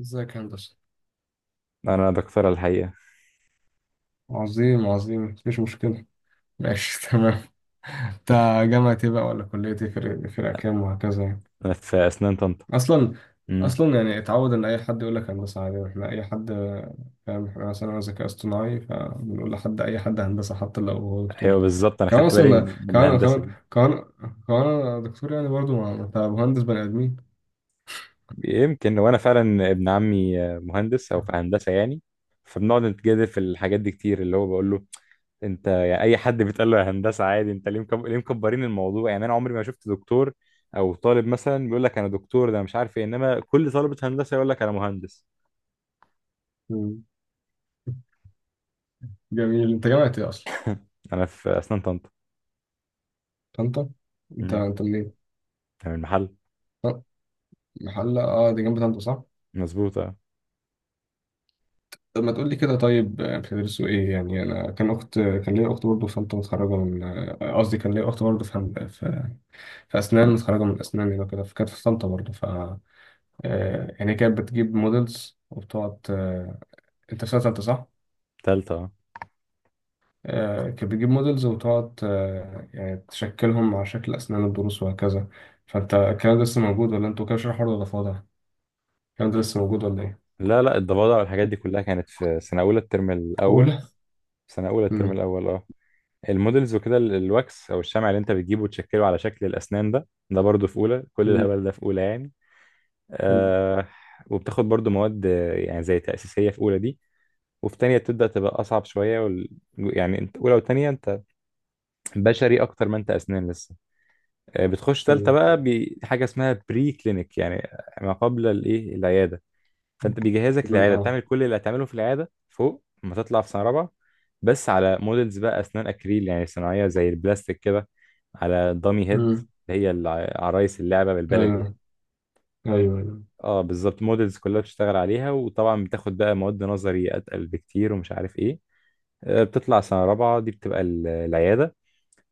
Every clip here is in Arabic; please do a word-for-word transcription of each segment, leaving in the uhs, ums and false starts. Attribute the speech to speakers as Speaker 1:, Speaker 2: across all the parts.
Speaker 1: ازيك يا هندسة.
Speaker 2: انا دكتورة الحقيقة.
Speaker 1: عظيم، عظيم، مفيش مشكلة. ماشي تمام. انت جامعة ايه بقى، ولا كلية ايه، فرق فرق كام، وهكذا يعني.
Speaker 2: انا في اسنان طنطا.
Speaker 1: اصلا،
Speaker 2: امم
Speaker 1: اصلا يعني اتعود ان اي حد يقول لك هندسة عادي، احنا اي حد، فاهم، احنا مثلا انا ذكاء اصطناعي فبنقول لحد اي حد هندسة حتى لو هو
Speaker 2: ايوه
Speaker 1: دكتور
Speaker 2: بالظبط، انا
Speaker 1: كمان.
Speaker 2: خدت بالي
Speaker 1: اصلا،
Speaker 2: من من
Speaker 1: كمان
Speaker 2: الهندسة
Speaker 1: كمان
Speaker 2: دي.
Speaker 1: كمان كمان انا دكتور يعني برضو، ما انت مهندس بني ادمين.
Speaker 2: يمكن، وانا فعلا ابن عمي مهندس او في هندسة يعني، فبنقعد نتجادل في الحاجات دي كتير. اللي هو بقول له انت يعني اي حد بيتقال له يا هندسه عادي، انت ليه مكب... ليه مكبرين الموضوع يعني؟ انا عمري ما شفت دكتور او طالب مثلا بيقول لك انا دكتور ده أنا مش عارف ايه، انما كل طالبه هندسه يقول لك انا مهندس.
Speaker 1: مم. جميل، انت جامعة ايه اصلا؟
Speaker 2: انا في اسنان طنطا.
Speaker 1: طنطا. انت
Speaker 2: امم
Speaker 1: انت منين؟
Speaker 2: أنا من المحل.
Speaker 1: طب، محلة، اه دي جنب طنطا صح؟
Speaker 2: مظبوط، اه.
Speaker 1: طب ما تقول لي كده، طيب. آه، بتدرسوا ايه يعني. انا كان اخت، كان ليا اخت برضه في طنطا، متخرجه من آه، قصدي كان ليا اخت برضه في هن- في في اسنان، متخرجه من اسنان هنا كده، فكانت في طنطا برضه. ف آه، يعني هي كانت بتجيب موديلز وبتقعد، آه، انت في سنه ثالثه صح؟
Speaker 2: تالتة، اه.
Speaker 1: آه، كانت بتجيب موديلز وتقعد آه، يعني تشكلهم على شكل اسنان الضروس وهكذا. فانت الكلام ده لسه موجود، ولا انتوا كده شرح حر، ولا فاضي؟ الكلام ده لسه موجود ولا ايه؟
Speaker 2: لا لا، الضفادع والحاجات دي كلها كانت في سنة أولى الترم الأول.
Speaker 1: اولى؟
Speaker 2: سنة أولى الترم
Speaker 1: امم.
Speaker 2: الأول، اه. المودلز وكده ال- الواكس أو الشمع اللي أنت بتجيبه وتشكله على شكل الأسنان، ده ده برضه في أولى. كل
Speaker 1: امم.
Speaker 2: الهبل ده في أولى يعني.
Speaker 1: امم.
Speaker 2: آه. وبتاخد برضه مواد آه، يعني زي تأسيسية في أولى دي. وفي تانية بتبدأ تبقى أصعب شوية وال... يعني أنت أولى وتانية أنت بشري أكتر ما أنت أسنان لسه. آه، بتخش تالتة بقى بحاجة اسمها بري كلينيك، يعني ما قبل الإيه، العيادة. فانت بيجهزك للعياده،
Speaker 1: اه.
Speaker 2: بتعمل كل اللي هتعمله في العياده فوق لما تطلع في سنه رابعه، بس على مودلز بقى، اسنان اكريل يعني صناعيه زي البلاستيك كده، على دامي هيد،
Speaker 1: امم.
Speaker 2: اللي هي الع- عرايس اللعبه بالبلدي يعني.
Speaker 1: ايوه. ايوه، ايوه.
Speaker 2: اه بالظبط، مودلز كلها بتشتغل عليها. وطبعا بتاخد بقى مواد نظري اتقل بكتير ومش عارف ايه. آه، بتطلع سنه رابعه دي، بتبقى ال- العياده،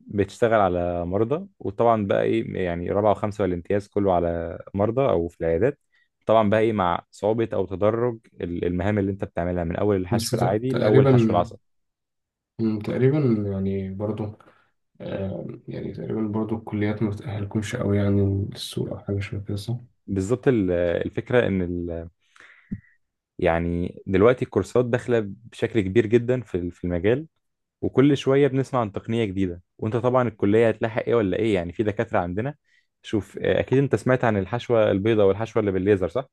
Speaker 2: بتشتغل على مرضى. وطبعا بقى ايه، يعني رابعه وخمسه والامتياز كله على مرضى او في العيادات، طبعا بقى ايه مع صعوبه او تدرج ال- المهام اللي انت بتعملها من اول
Speaker 1: بس
Speaker 2: الحشو
Speaker 1: ت-
Speaker 2: العادي لاول
Speaker 1: تقريبا.
Speaker 2: حشو العصب.
Speaker 1: مم، تقريبا، يعني برضو آه، يعني تقريبا برضو الكليات ما بتأهلكمش قوي يعني للسوق، او حاجه شبه كده صح؟
Speaker 2: بالظبط، ال- الفكره ان ال يعني دلوقتي الكورسات داخله بشكل كبير جدا في ال- في المجال، وكل شويه بنسمع عن تقنيه جديده، وانت طبعا الكليه هتلاحق ايه ولا ايه يعني. في دكاتره عندنا، شوف، آه، اكيد انت سمعت عن الحشوه البيضاء والحشوه اللي بالليزر صح؟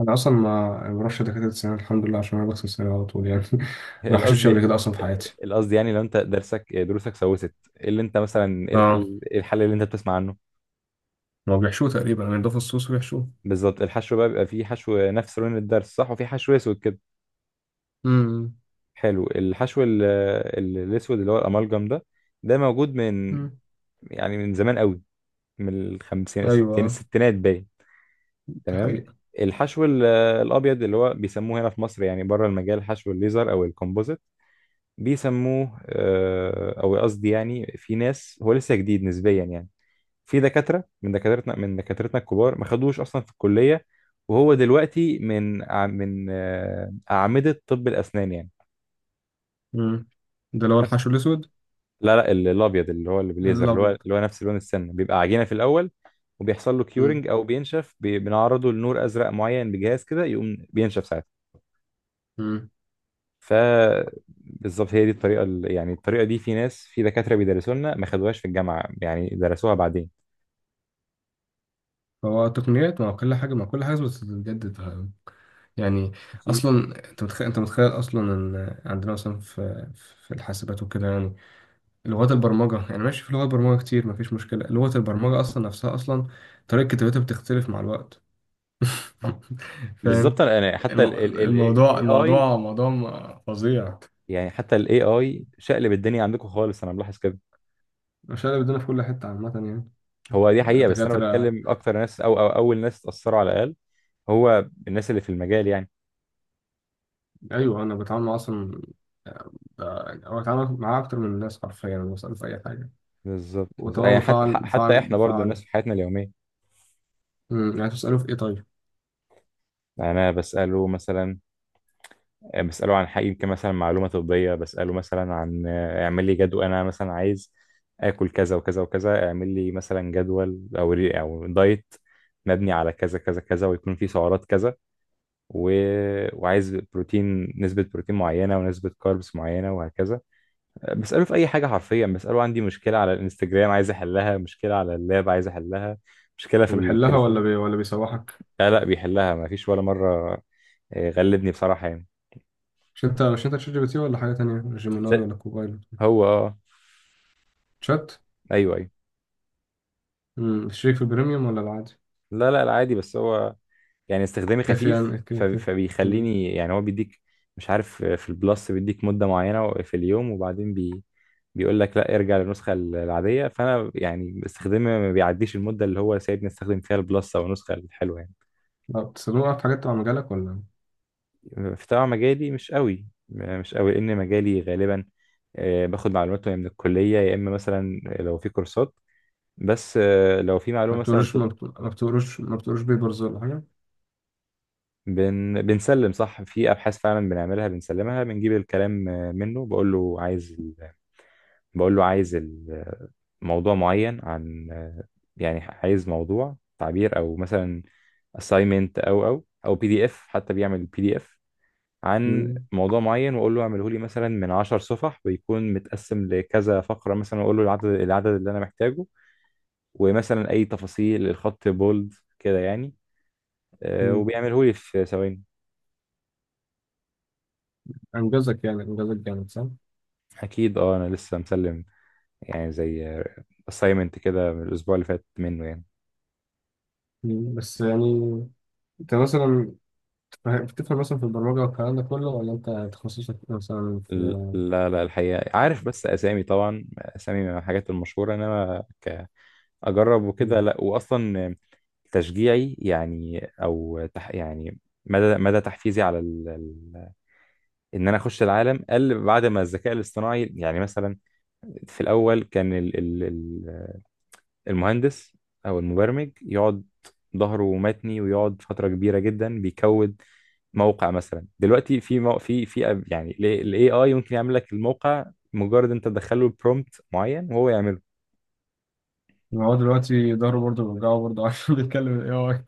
Speaker 1: انا اصلا، ما أنا ما بروحش دكاتره السنان الحمد لله، عشان انا بغسل سناني على طول يعني ما حشتش قبل
Speaker 2: القصد،
Speaker 1: كده اصلا في حياتي.
Speaker 2: القصد يعني لو انت درسك دروسك سوست، ايه اللي انت مثلا، ايه
Speaker 1: اه،
Speaker 2: الحل، ايه الحل اللي انت بتسمع عنه؟
Speaker 1: ما بيحشوه تقريبا يعني، ده فصوص ويحشوه.
Speaker 2: بالظبط، الحشو بقى بيبقى فيه حشو نفس لون الدرس صح، وفي حشو اسود كده.
Speaker 1: امم.
Speaker 2: حلو. الحشو ال- ال- الاسود اللي هو الامالجم ده، ده موجود من،
Speaker 1: أمم.
Speaker 2: يعني من زمان قوي، من الخمسينات الستين
Speaker 1: ايوه
Speaker 2: الستينات باين.
Speaker 1: دي
Speaker 2: تمام.
Speaker 1: حقيقه.
Speaker 2: الحشو ال- الابيض اللي هو بيسموه هنا في مصر، يعني بره المجال حشو الليزر او الكومبوزيت بيسموه، آه، او قصدي يعني في ناس، هو لسه جديد نسبيا يعني. في دكاترة من دكاترتنا من دكاترتنا الكبار ما خدوش أصلا في الكلية، وهو دلوقتي من أع- من آه، أعمدة طب الأسنان يعني.
Speaker 1: امم. ده اللي هو الحشو الاسود.
Speaker 2: لا لا، ال- الأبيض اللي هو اللي بالليزر، اللي هو
Speaker 1: الابيض.
Speaker 2: اللي هو نفس لون السن، بيبقى عجينة في الأول، وبيحصل له
Speaker 1: امم.
Speaker 2: كيورنج أو بينشف، بي- بنعرضه لنور أزرق معين بجهاز كده، يقوم بينشف ساعتها.
Speaker 1: أمم.
Speaker 2: ف بالظبط، هي دي الطريقة ال- يعني الطريقة دي في ناس، في دكاترة بيدرسوا لنا ما خدوهاش في الجامعة، يعني درسوها بعدين.
Speaker 1: فهو التقنيات مع كل حاجه، مع كل حاجه بتتجدد يعني.
Speaker 2: أكيد.
Speaker 1: اصلا، انت متخيل، انت متخيل اصلا ان عندنا مثلا في في الحاسبات وكده يعني لغات البرمجه، يعني ماشي، في لغات برمجه كتير مفيش مشكله، لغه البرمجه اصلا نفسها اصلا طريقه كتابتها بتختلف مع الوقت. فاهم.
Speaker 2: بالظبط. انا أنا حتى
Speaker 1: المو-
Speaker 2: الاي
Speaker 1: الموضوع،
Speaker 2: اي،
Speaker 1: الموضوع موضوع م- فظيع.
Speaker 2: يعني حتى الاي اي شقلب الدنيا عندكم خالص، انا ملاحظ كده.
Speaker 1: مش انا، بدنا في كل حته عامه يعني.
Speaker 2: هو دي حقيقه، بس انا
Speaker 1: دكاتره.
Speaker 2: بتكلم اكتر ناس او, أو اول ناس اتاثروا على الاقل، هو الناس اللي في المجال يعني.
Speaker 1: ايوه، انا بتعامل مع اصلا، او بتعامل معاه اكتر من الناس حرفيا، انا بساله في اي حاجه.
Speaker 2: بالظبط بالظبط.
Speaker 1: وطبعا
Speaker 2: يعني حتى
Speaker 1: بفعل
Speaker 2: ح- حتى
Speaker 1: بفعل
Speaker 2: احنا برضو الناس
Speaker 1: بفعل
Speaker 2: في حياتنا اليوميه.
Speaker 1: مم، يعني تساله في ايه طيب.
Speaker 2: يعني انا بساله مثلا، بساله عن حاجه، يمكن مثلا معلومه طبيه، بساله مثلا عن، آه، اعمل لي جدول، انا مثلا عايز اكل كذا وكذا وكذا، اعمل لي مثلا جدول او ري- او دايت مبني على كذا كذا كذا، ويكون فيه سعرات كذا و... وعايز بروتين، نسبة بروتين معينة ونسبة كاربس معينة وهكذا. بسأله في أي حاجة حرفيا. بسأله عندي مشكلة على الانستجرام عايز أحلها، مشكلة على اللاب عايز أحلها، مشكلة في
Speaker 1: وبيحلها ولا
Speaker 2: التليفون.
Speaker 1: بي... ولا بيسوحك؟
Speaker 2: لا لا، بيحلها، ما فيش ولا مرة. آه، غلبني بصراحة يعني.
Speaker 1: مش انت مش انت تشات جي بي تي، ولا حاجة تانية، ولا جيميناي،
Speaker 2: س-
Speaker 1: ولا كوبايلوت؟
Speaker 2: هو اه.
Speaker 1: شات.
Speaker 2: ايوه ايوه.
Speaker 1: امم، الشريك في البريميوم ولا العادي؟
Speaker 2: لا لا لا، عادي. بس هو يعني استخدامي
Speaker 1: كافي
Speaker 2: خفيف،
Speaker 1: يعني
Speaker 2: ف-
Speaker 1: كده كده. امم.
Speaker 2: فبيخليني يعني، هو بيديك، مش عارف، في البلس بيديك مدة معينة في اليوم، وبعدين بي بيقول لك لا ارجع للنسخة العادية. فأنا يعني استخدامي ما بيعديش المدة اللي هو سايبني استخدم فيها البلس أو النسخة الحلوة يعني.
Speaker 1: لا، بتستخدمه بقى في حاجات تبع مجالك ولا؟
Speaker 2: في طبعا، مجالي مش قوي مش قوي، لأن مجالي غالبا، آه، باخد معلومات من الكلية، يا إما مثلا لو في كورسات، بس آه، لو في
Speaker 1: ما
Speaker 2: معلومة مثلا
Speaker 1: بتقروش ما بت- ما بتقروش ما بتقروش بيبرز ولا حاجة؟
Speaker 2: بن... بنسلم صح، في ابحاث فعلا بنعملها بنسلمها، بنجيب الكلام، آه، منه. بقول له عايز ال... بقول له عايز ال- موضوع معين عن، آه، يعني عايز موضوع تعبير، او مثلا assignment، او او او بي دي اف، حتى بيعمل بي دي اف عن
Speaker 1: امم.
Speaker 2: موضوع معين، واقول له اعمله لي مثلا من عشر صفح، ويكون متقسم لكذا فقره مثلا، واقول له العدد العدد اللي انا محتاجه. ومثلا اي تفاصيل، الخط بولد كده يعني. آه،
Speaker 1: امم.
Speaker 2: وبيعمله لي في ثواني.
Speaker 1: انجزك يعني، انجزك جامد صح؟
Speaker 2: اكيد اه، انا لسه مسلم يعني زي assignment كده من الأسبوع اللي فات منه يعني.
Speaker 1: امم، بس يعني انت مثلا بتفهم بتفهم مثلا في البرمجة والكلام ده كله، ولا انت تخصصك مثلا في؟
Speaker 2: ل- لا لا، الحقيقة عارف بس أسامي، طبعا أسامي من الحاجات المشهورة، إنما كأجرب وكده لا. وأصلا تشجيعي يعني او تح يعني، مدى مدى تحفيزي على ال... ال- ان انا اخش العالم قل بعد ما الذكاء الاصطناعي، يعني مثلا في الاول كان ال... ال... ال- المهندس او المبرمج يقعد ظهره متني ويقعد فتره كبيره جدا بيكود موقع مثلا، دلوقتي في مو... في في أب- يعني الاي اي ممكن يعمل لك الموقع، مجرد انت تدخله برومبت معين وهو يعمله.
Speaker 1: ما هو دلوقتي ظهره برضه بيوجعه برضه عشان بيتكلم الاي اي،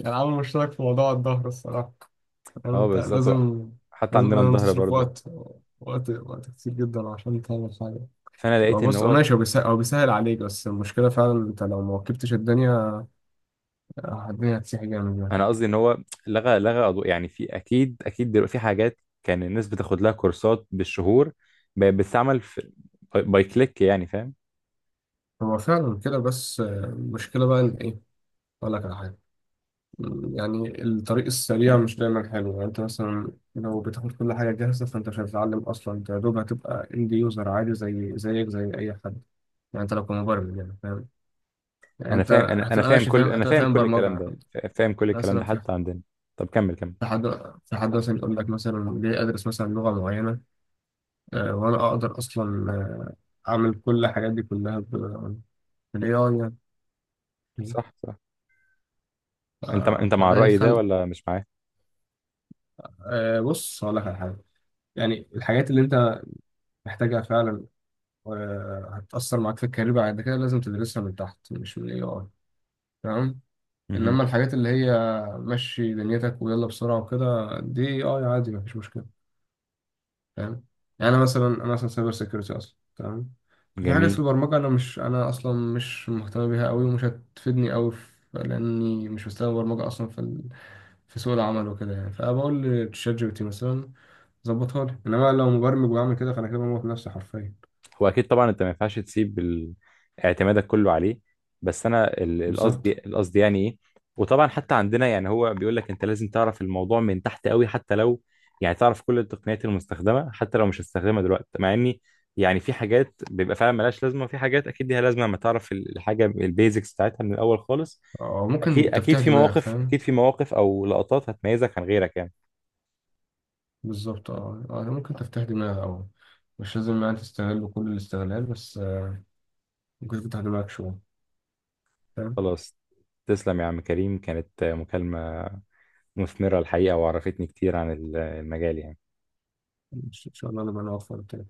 Speaker 1: يعني عامل مشترك في موضوع الظهر الصراحة. يعني
Speaker 2: اه
Speaker 1: انت
Speaker 2: بالظبط، هو
Speaker 1: لازم،
Speaker 2: حتى
Speaker 1: لازم
Speaker 2: عندنا
Speaker 1: لازم
Speaker 2: الظهر
Speaker 1: تصرف
Speaker 2: برضو.
Speaker 1: وقت، وقت وقت كتير جدا عشان تعمل حاجة.
Speaker 2: فانا
Speaker 1: هو
Speaker 2: لقيت ان
Speaker 1: بص، هو
Speaker 2: هو،
Speaker 1: ماشي، هو بيسهل، هو بيسهل عليك، بس المشكلة فعلا، انت لو ما ركبتش الدنيا آه، الدنيا هتسيح جامد يعني.
Speaker 2: انا قصدي ان هو لغى لغى أضو... يعني في اكيد، اكيد دلوقتي في حاجات كان الناس بتاخد لها كورسات بالشهور، بقت بتستعمل في باي كليك يعني، فاهم.
Speaker 1: هو فعلا كده، بس آه، المشكلة بقى ان ايه، اقول لك على حاجة. يعني الطريق السريع مش دايما حلو، يعني انت مثلا لو بتاخد كل حاجه جاهزه، فانت مش هتتعلم اصلا، انت يا دوب هتبقى اند يوزر عادي زي زيك زي اي حد، يعني انت لو كمبرمج يعني فاهم. يعني
Speaker 2: انا
Speaker 1: انت
Speaker 2: فاهم انا انا
Speaker 1: هتبقى
Speaker 2: فاهم
Speaker 1: ماشي فاهم،
Speaker 2: كل انا
Speaker 1: هتبقى
Speaker 2: فاهم
Speaker 1: فاهم
Speaker 2: كل الكلام
Speaker 1: برمجه
Speaker 2: ده، فا- فاهم كل الكلام
Speaker 1: مثلا.
Speaker 2: ده
Speaker 1: في
Speaker 2: حتى عندنا. طب كمل، كمل
Speaker 1: في حد في حد مثلا يقول لك مثلا ليه ادرس مثلا لغه معينه، آه، وانا اقدر اصلا آه، اعمل كل الحاجات دي كلها بالاي اي يعني.
Speaker 2: صح صح. انت انت
Speaker 1: آه،
Speaker 2: مع
Speaker 1: فده
Speaker 2: الرأي ده
Speaker 1: هيخلق
Speaker 2: ولا مش معاه؟
Speaker 1: آه، بص، هقول لك على حاجه. يعني الحاجات اللي انت محتاجها فعلا وهتأثر معاك في الكارير بعد كده لازم تدرسها من تحت، مش من الاي اي، تمام.
Speaker 2: مهم.
Speaker 1: انما الحاجات اللي هي مشي دنيتك ويلا بسرعه وكده، دي اي اي عادي مفيش مشكله، فاهم. يعني انا مثلا انا مثلا سايبر سيكيورتي اصلا، تمام. في حاجات في
Speaker 2: جميل.
Speaker 1: البرمجه انا مش انا اصلا مش مهتم بيها قوي ومش هتفيدني قوي، لاني مش مستوى برمجه اصلا في ال... في سوق العمل وكده يعني، فبقول لتشات جي بي تي مثلا ظبطها لي، انما لو مبرمج وبعمل كده فانا كده بموت نفسي حرفيا.
Speaker 2: هو اكيد طبعا، انت ما ينفعش تسيب ال- اعتمادك كله عليه، بس انا ال- القصد
Speaker 1: بالظبط.
Speaker 2: القصد يعني ايه، وطبعا حتى عندنا يعني هو بيقول لك انت لازم تعرف الموضوع من تحت قوي، حتى لو يعني تعرف كل التقنيات المستخدمه حتى لو مش هتستخدمها دلوقتي. مع اني يعني في حاجات بيبقى فعلا ملهاش لازمه، وفي حاجات اكيد ليها لازمه لما تعرف ال- الحاجه البيزكس بتاعتها من الاول خالص.
Speaker 1: أو ممكن
Speaker 2: اكيد اكيد،
Speaker 1: تفتيح
Speaker 2: في
Speaker 1: دماغ،
Speaker 2: مواقف، اكيد
Speaker 1: فاهم.
Speaker 2: في مواقف او لقطات هتميزك عن غيرك يعني.
Speaker 1: بالظبط اه، آه، ممكن تفتح دماغ، أو مش لازم يعني تستغل كل الاستغلال، بس آه، ممكن تفتح دماغك شوية، فاهم.
Speaker 2: خلاص، تسلم يا عم كريم. كانت مكالمه مثمرة الحقيقة، وعرفتني كتير عن ال- المجال يعني.
Speaker 1: إن شاء الله نبقى نوفر تاني.